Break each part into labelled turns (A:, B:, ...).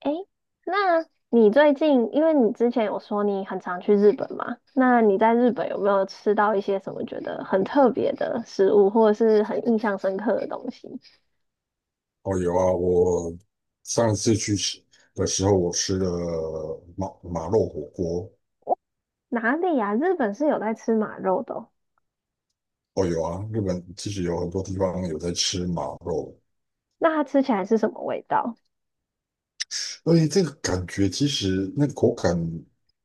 A: 诶，那你最近，因为你之前有说你很常去日本嘛，那你在日本有没有吃到一些什么觉得很特别的食物，或者是很印象深刻的东西？
B: 哦，有啊，我上次去吃的时候，我吃了马肉火锅。
A: 哪里呀、日本是有在吃马肉的哦。
B: 哦，有啊，日本其实有很多地方有在吃马肉，
A: 那它吃起来是什么味道？
B: 所以这个感觉其实那个口感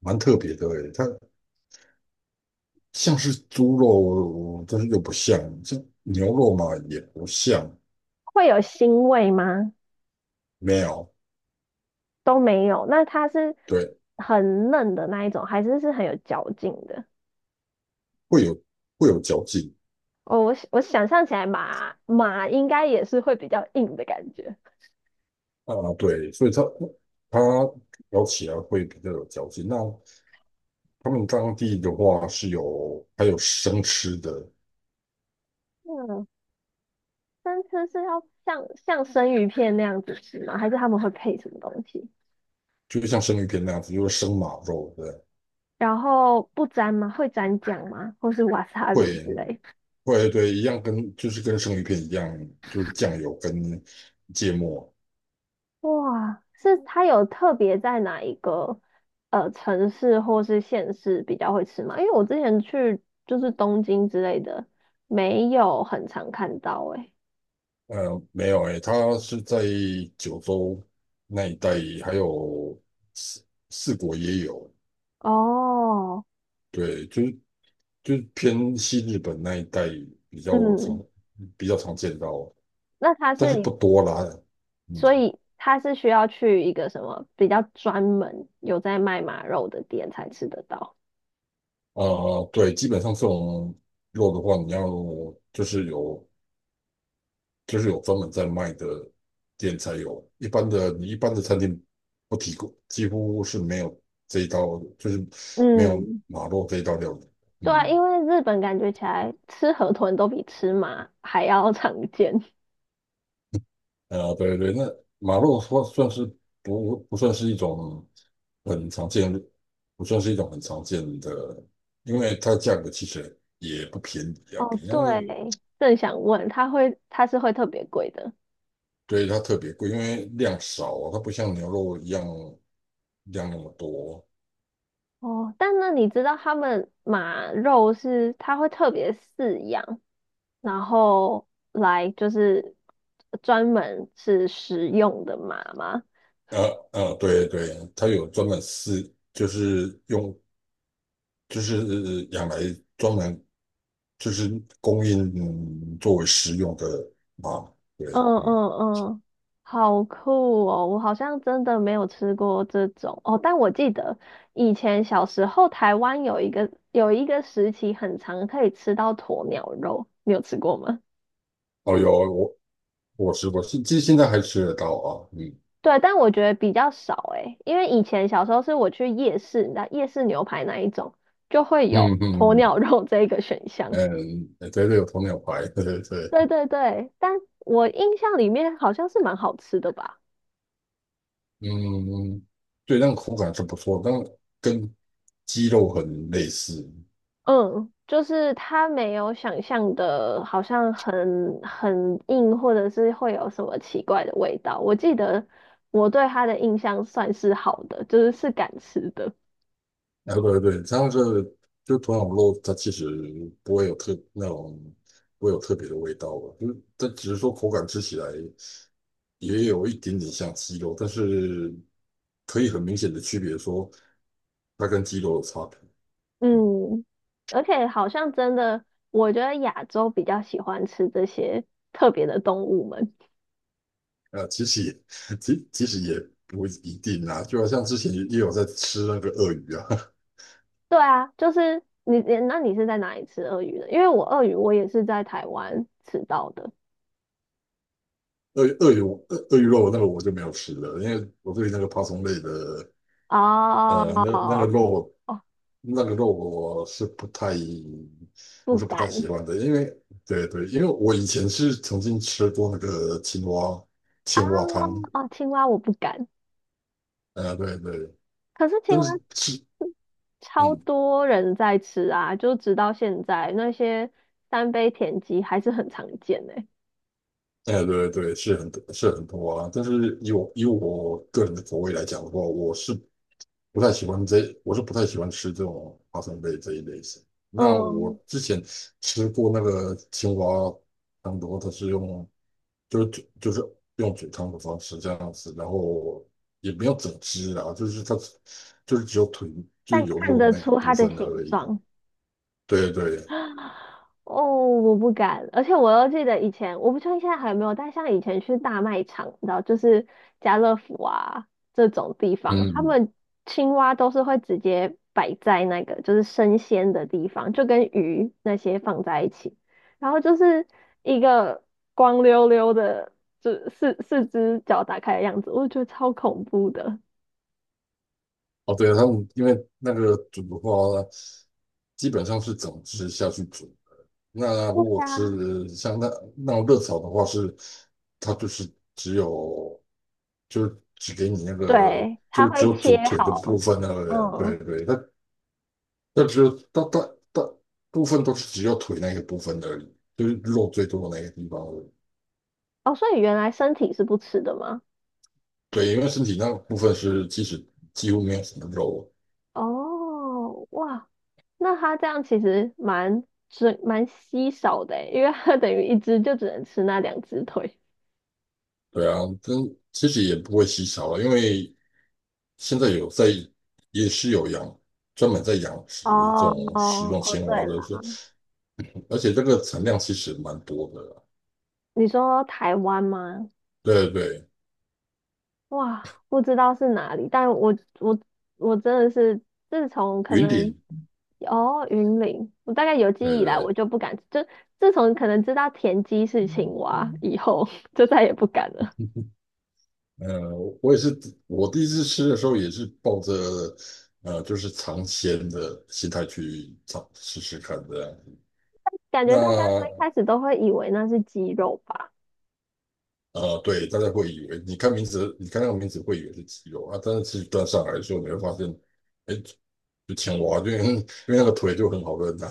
B: 蛮特别的诶，它像是猪肉，但是又不像；像牛肉嘛，也不像，
A: 会有腥味吗？
B: 没有，
A: 都没有。那它是
B: 对，
A: 很嫩的那一种，还是是很有嚼劲的？
B: 会有会有嚼劲
A: 哦，我想象起来马马应该也是会比较硬的感觉。
B: 啊，对，所以它咬起来会比较有嚼劲。那他们当地的话是有还有生吃的，
A: 嗯。生吃是要像生鱼片那样子吃吗？还是他们会配什么东西？
B: 就像生鱼片那样子，就是生马肉对，
A: 然后不沾吗？会沾酱吗？或是 wasabi
B: 会
A: 之类？
B: 会对，一样跟就是跟生鱼片一样，就是酱油跟芥末。
A: 哇，是它有特别在哪一个城市或是县市比较会吃吗？因为我之前去就是东京之类的，没有很常看到诶、欸。
B: 没有诶，它是在九州那一带，还有四国也有，
A: 哦，
B: 对，就是偏西日本那一带比较常
A: 嗯，
B: 比较常见到，
A: 那它
B: 但
A: 是
B: 是不
A: 一，
B: 多啦。嗯
A: 所以它是需要去一个什么比较专门有在卖马肉的店才吃得到。
B: 啊，对，基本上这种肉的话，你要就是有就是有专门在卖的店才有，一般的餐厅不提供，几乎是没有这一道，就是没有
A: 嗯，
B: 马肉这一道料理。
A: 对啊，
B: 嗯，
A: 因为日本感觉起来吃河豚都比吃马还要常见。
B: 对对，那马肉算不算是一种很常见，不算是一种很常见的，因为它价格其实也不便宜啊，
A: 哦，
B: 比那个
A: 对，正想问，它会它是会特别贵的。
B: 对，它特别贵，因为量少啊，它不像牛肉一样量那么多。
A: 哦，但那你知道他们马肉是它会特别饲养，然后来就是专门是食用的麻吗？
B: 对对，它有专门饲，就是用就是养来专门就是供应，嗯作为食用的啊。对，
A: 嗯
B: 嗯，
A: 嗯嗯，好酷哦！我好像真的没有吃过这种哦，但我记得以前小时候台湾有一个时期很长可以吃到鸵鸟肉，你有吃过吗？
B: 哦，我吃过，现其实现在还吃得到啊。嗯
A: 对，但我觉得比较少诶，因为以前小时候是我去夜市，你知道夜市牛排那一种就会有
B: 嗯
A: 鸵
B: 嗯
A: 鸟肉这一个选项。
B: 嗯，嗯对对，有鸵鸟排，对对对，
A: 对对对，但我印象里面好像是蛮好吃的吧？
B: 嗯，对，那个口感是不错，但跟鸡肉很类似。
A: 嗯，就是它没有想象的，好像很硬，或者是会有什么奇怪的味道。我记得我对它的印象算是好的，就是是敢吃的。
B: 啊，对对，这样是就土壤肉，它其实不会有特那种不会有特别的味道吧，就是它只是说口感吃起来也有一点点像鸡肉，但是可以很明显的区别说它跟鸡肉的差别。
A: 嗯，而且好像真的，我觉得亚洲比较喜欢吃这些特别的动物们。
B: 啊，其实也 其实也不一定啊，就好像之前也有在吃那个鳄鱼啊，
A: 对啊，就是你，你是在哪里吃鳄鱼的？因为我鳄鱼我也是在台湾吃到的。
B: 鳄鱼鳄鱼鳄鱼肉那个我就没有吃了，因为我对那个爬虫类的
A: 哦
B: 那个
A: 哦，
B: 肉
A: 哦！
B: 那个肉我是不太，
A: 不
B: 我是不太喜
A: 敢
B: 欢的，因为对对，因为我以前是曾经吃过那个青蛙
A: 啊。
B: 青蛙汤，
A: 哦，青蛙我不敢。
B: 对对，
A: 可是青
B: 但
A: 蛙
B: 是是
A: 超
B: 嗯，
A: 多人在吃啊，就直到现在那些三杯田鸡还是很常见呢。
B: 哎、对对，是很多是很多啊，但是以我个人的口味来讲的话，我是不太喜欢这，我是不太喜欢吃这种花生类这一类型。那我
A: 嗯，
B: 之前吃过那个青蛙汤的话，它是用就是嘴就是用嘴汤的方式这样子，然后也没有整只啊，就是它就是只有腿就
A: 但
B: 有
A: 看
B: 肉
A: 得
B: 那个
A: 出
B: 部
A: 它的
B: 分的而
A: 形
B: 已。
A: 状。
B: 对对，
A: 哦，我不敢，而且我又记得以前，我不确定现在还有没有，但像以前去大卖场，你知道就是家乐福啊这种地方，他
B: 嗯，
A: 们青蛙都是会直接摆在那个就是生鲜的地方，就跟鱼那些放在一起，然后就是一个光溜溜的，就四只脚打开的样子，我觉得超恐怖的。
B: 哦对，他们因为那个煮的话，基本上是整只下去煮。那
A: 对
B: 如果
A: 啊，
B: 是像那种热炒的话是，它就是只有就是只给你那个，
A: 对，
B: 就
A: 它
B: 是只
A: 会
B: 有
A: 切
B: 煮腿的
A: 好。
B: 部分那个人，对
A: 嗯。
B: 对，它那只有大部分都是只有腿那个部分而已，就是肉最多的那个地方而已。
A: 哦，所以原来身体是不吃的吗？
B: 对，因为身体那部分是其实几乎没有什么肉。
A: 哦，哇，那它这样其实蛮稀少的诶，因为它等于一只就只能吃那两只腿。
B: 对啊，但其实也不会稀少了，因为现在有在也是有养专门在养殖这
A: 哦
B: 种食
A: 哦
B: 用
A: 哦，
B: 青
A: 对
B: 蛙
A: 了，
B: 的，而且这个产量其实蛮多的啦，
A: 你说台湾吗？
B: 对对对，
A: 哇，不知道是哪里，但我我真的是自从可
B: 云
A: 能，
B: 顶，
A: 哦云林，我大概有记忆
B: 对
A: 以来，我
B: 对
A: 就不敢，就自从可能知道田鸡是青蛙以后，就再也不敢了。
B: 对。呃，我也是，我第一次吃的时候也是抱着就是尝鲜的心态去尝试试看的。
A: 感觉大家最
B: 那
A: 开始都会以为那是鸡肉吧。
B: 对，大家会以为你看名字，你看那个名字会以为是鸡肉啊，但是其实端上来的时候，你会发现，哎，就青蛙，因为那个腿就很好认呐、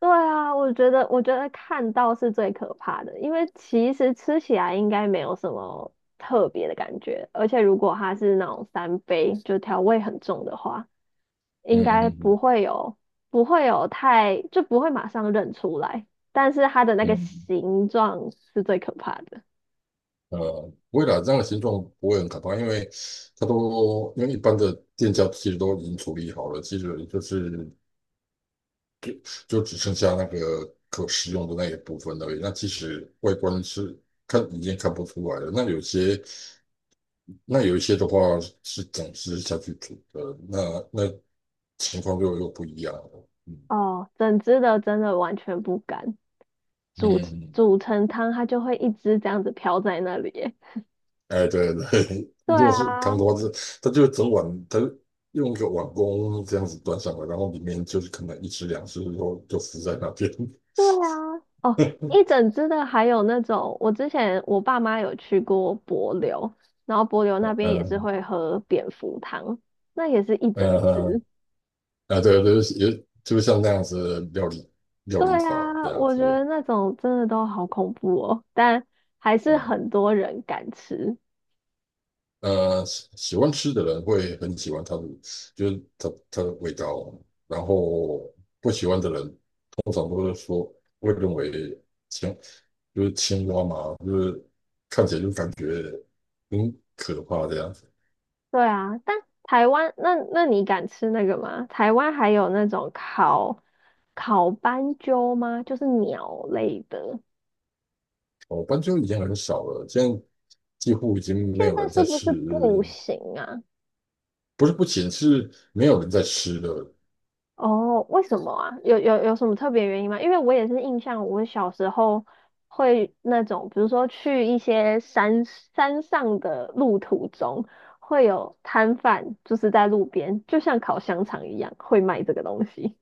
A: 对啊，我觉得，我觉得看到是最可怕的，因为其实吃起来应该没有什么特别的感觉，而且如果它是那种三杯，就调味很重的话，
B: 嗯
A: 应该不
B: 嗯
A: 会有，不会有太，就不会马上认出来，但是它的那个
B: 嗯
A: 形状是最可怕的。
B: 嗯，不会啦，这样的形状不会很可怕，因为它都因为一般的店家其实都已经处理好了，其实就是。就就只剩下那个可食用的那一部分而已。那其实外观是看已经看不出来了。那有些那有一些的话是整只下去煮的，那情况就又不一样了。
A: 哦，整只的真的完全不敢煮，
B: 嗯，
A: 煮成汤，它就会一直这样子飘在那里耶。
B: 哎，对对，
A: 对
B: 如果是
A: 啊，
B: 汤的话是，它就整碗，它用一个碗公这样子端上来，然后里面就是可能一只两只，然后就浮在那边。
A: 对啊，哦，一 整只的还有那种，我之前我爸妈有去过帛琉，然后帛琉那边也是
B: 嗯
A: 会喝蝙蝠汤，那也是一整
B: 嗯嗯
A: 只。
B: 啊，对，就是也就像那样子的料理料
A: 对
B: 理法这
A: 啊，
B: 样
A: 我觉
B: 子，
A: 得那种真的都好恐怖哦，但还是
B: 嗯
A: 很多人敢吃。
B: 喜欢吃的人会很喜欢它的，就是它的味道，然后不喜欢的人通常都是说会认为青就是青蛙嘛，就是看起来就感觉很可怕这样子。
A: 对啊，但台湾那，那你敢吃那个吗？台湾还有那种烤斑鸠吗？就是鸟类的，
B: 哦，斑鸠已经很少了，现在几乎已经没
A: 现
B: 有
A: 在
B: 人
A: 是
B: 在
A: 不
B: 吃，
A: 是不行啊？
B: 不是不行，是没有人在吃了。
A: 哦，为什么啊？有什么特别原因吗？因为我也是印象，我小时候会那种，比如说去一些山上的路途中，会有摊贩，就是在路边，就像烤香肠一样，会卖这个东西。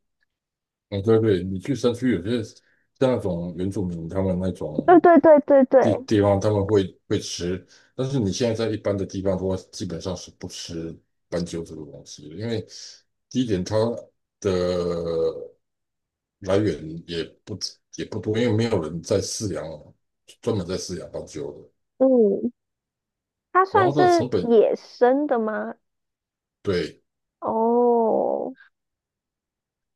B: 嗯，对对，你去山区有些像那种原住民他们那
A: 对
B: 种
A: 对对对
B: 地
A: 对，
B: 地方，他们会吃，但是你现在在一般的地方的话，基本上是不吃斑鸠这个东西的，因为第一点它的来源也不多，因为没有人在饲养，专门在饲养斑鸠的，
A: 嗯，它
B: 然
A: 算
B: 后它的
A: 是
B: 成本
A: 野生的吗？
B: 对，
A: 哦，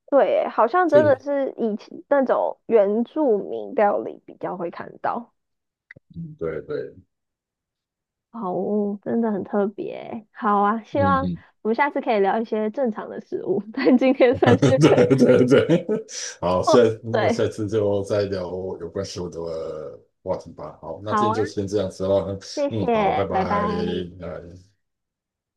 A: 对，好像
B: 就，
A: 真的
B: 以
A: 是以前那种原住民料理比较会看到。
B: 嗯对对，
A: 好哦，真的很特别欸，好啊，希
B: 嗯
A: 望
B: 嗯
A: 我们下次可以聊一些正常的食物，但今天 算是
B: 对 对对，好，下
A: 哦，
B: 那么
A: 对，
B: 下次就再聊有关食物的话题吧。好，那今
A: 好
B: 天
A: 啊，
B: 就先这样子了。
A: 谢
B: 嗯，好，拜
A: 谢，拜拜。
B: 拜。呃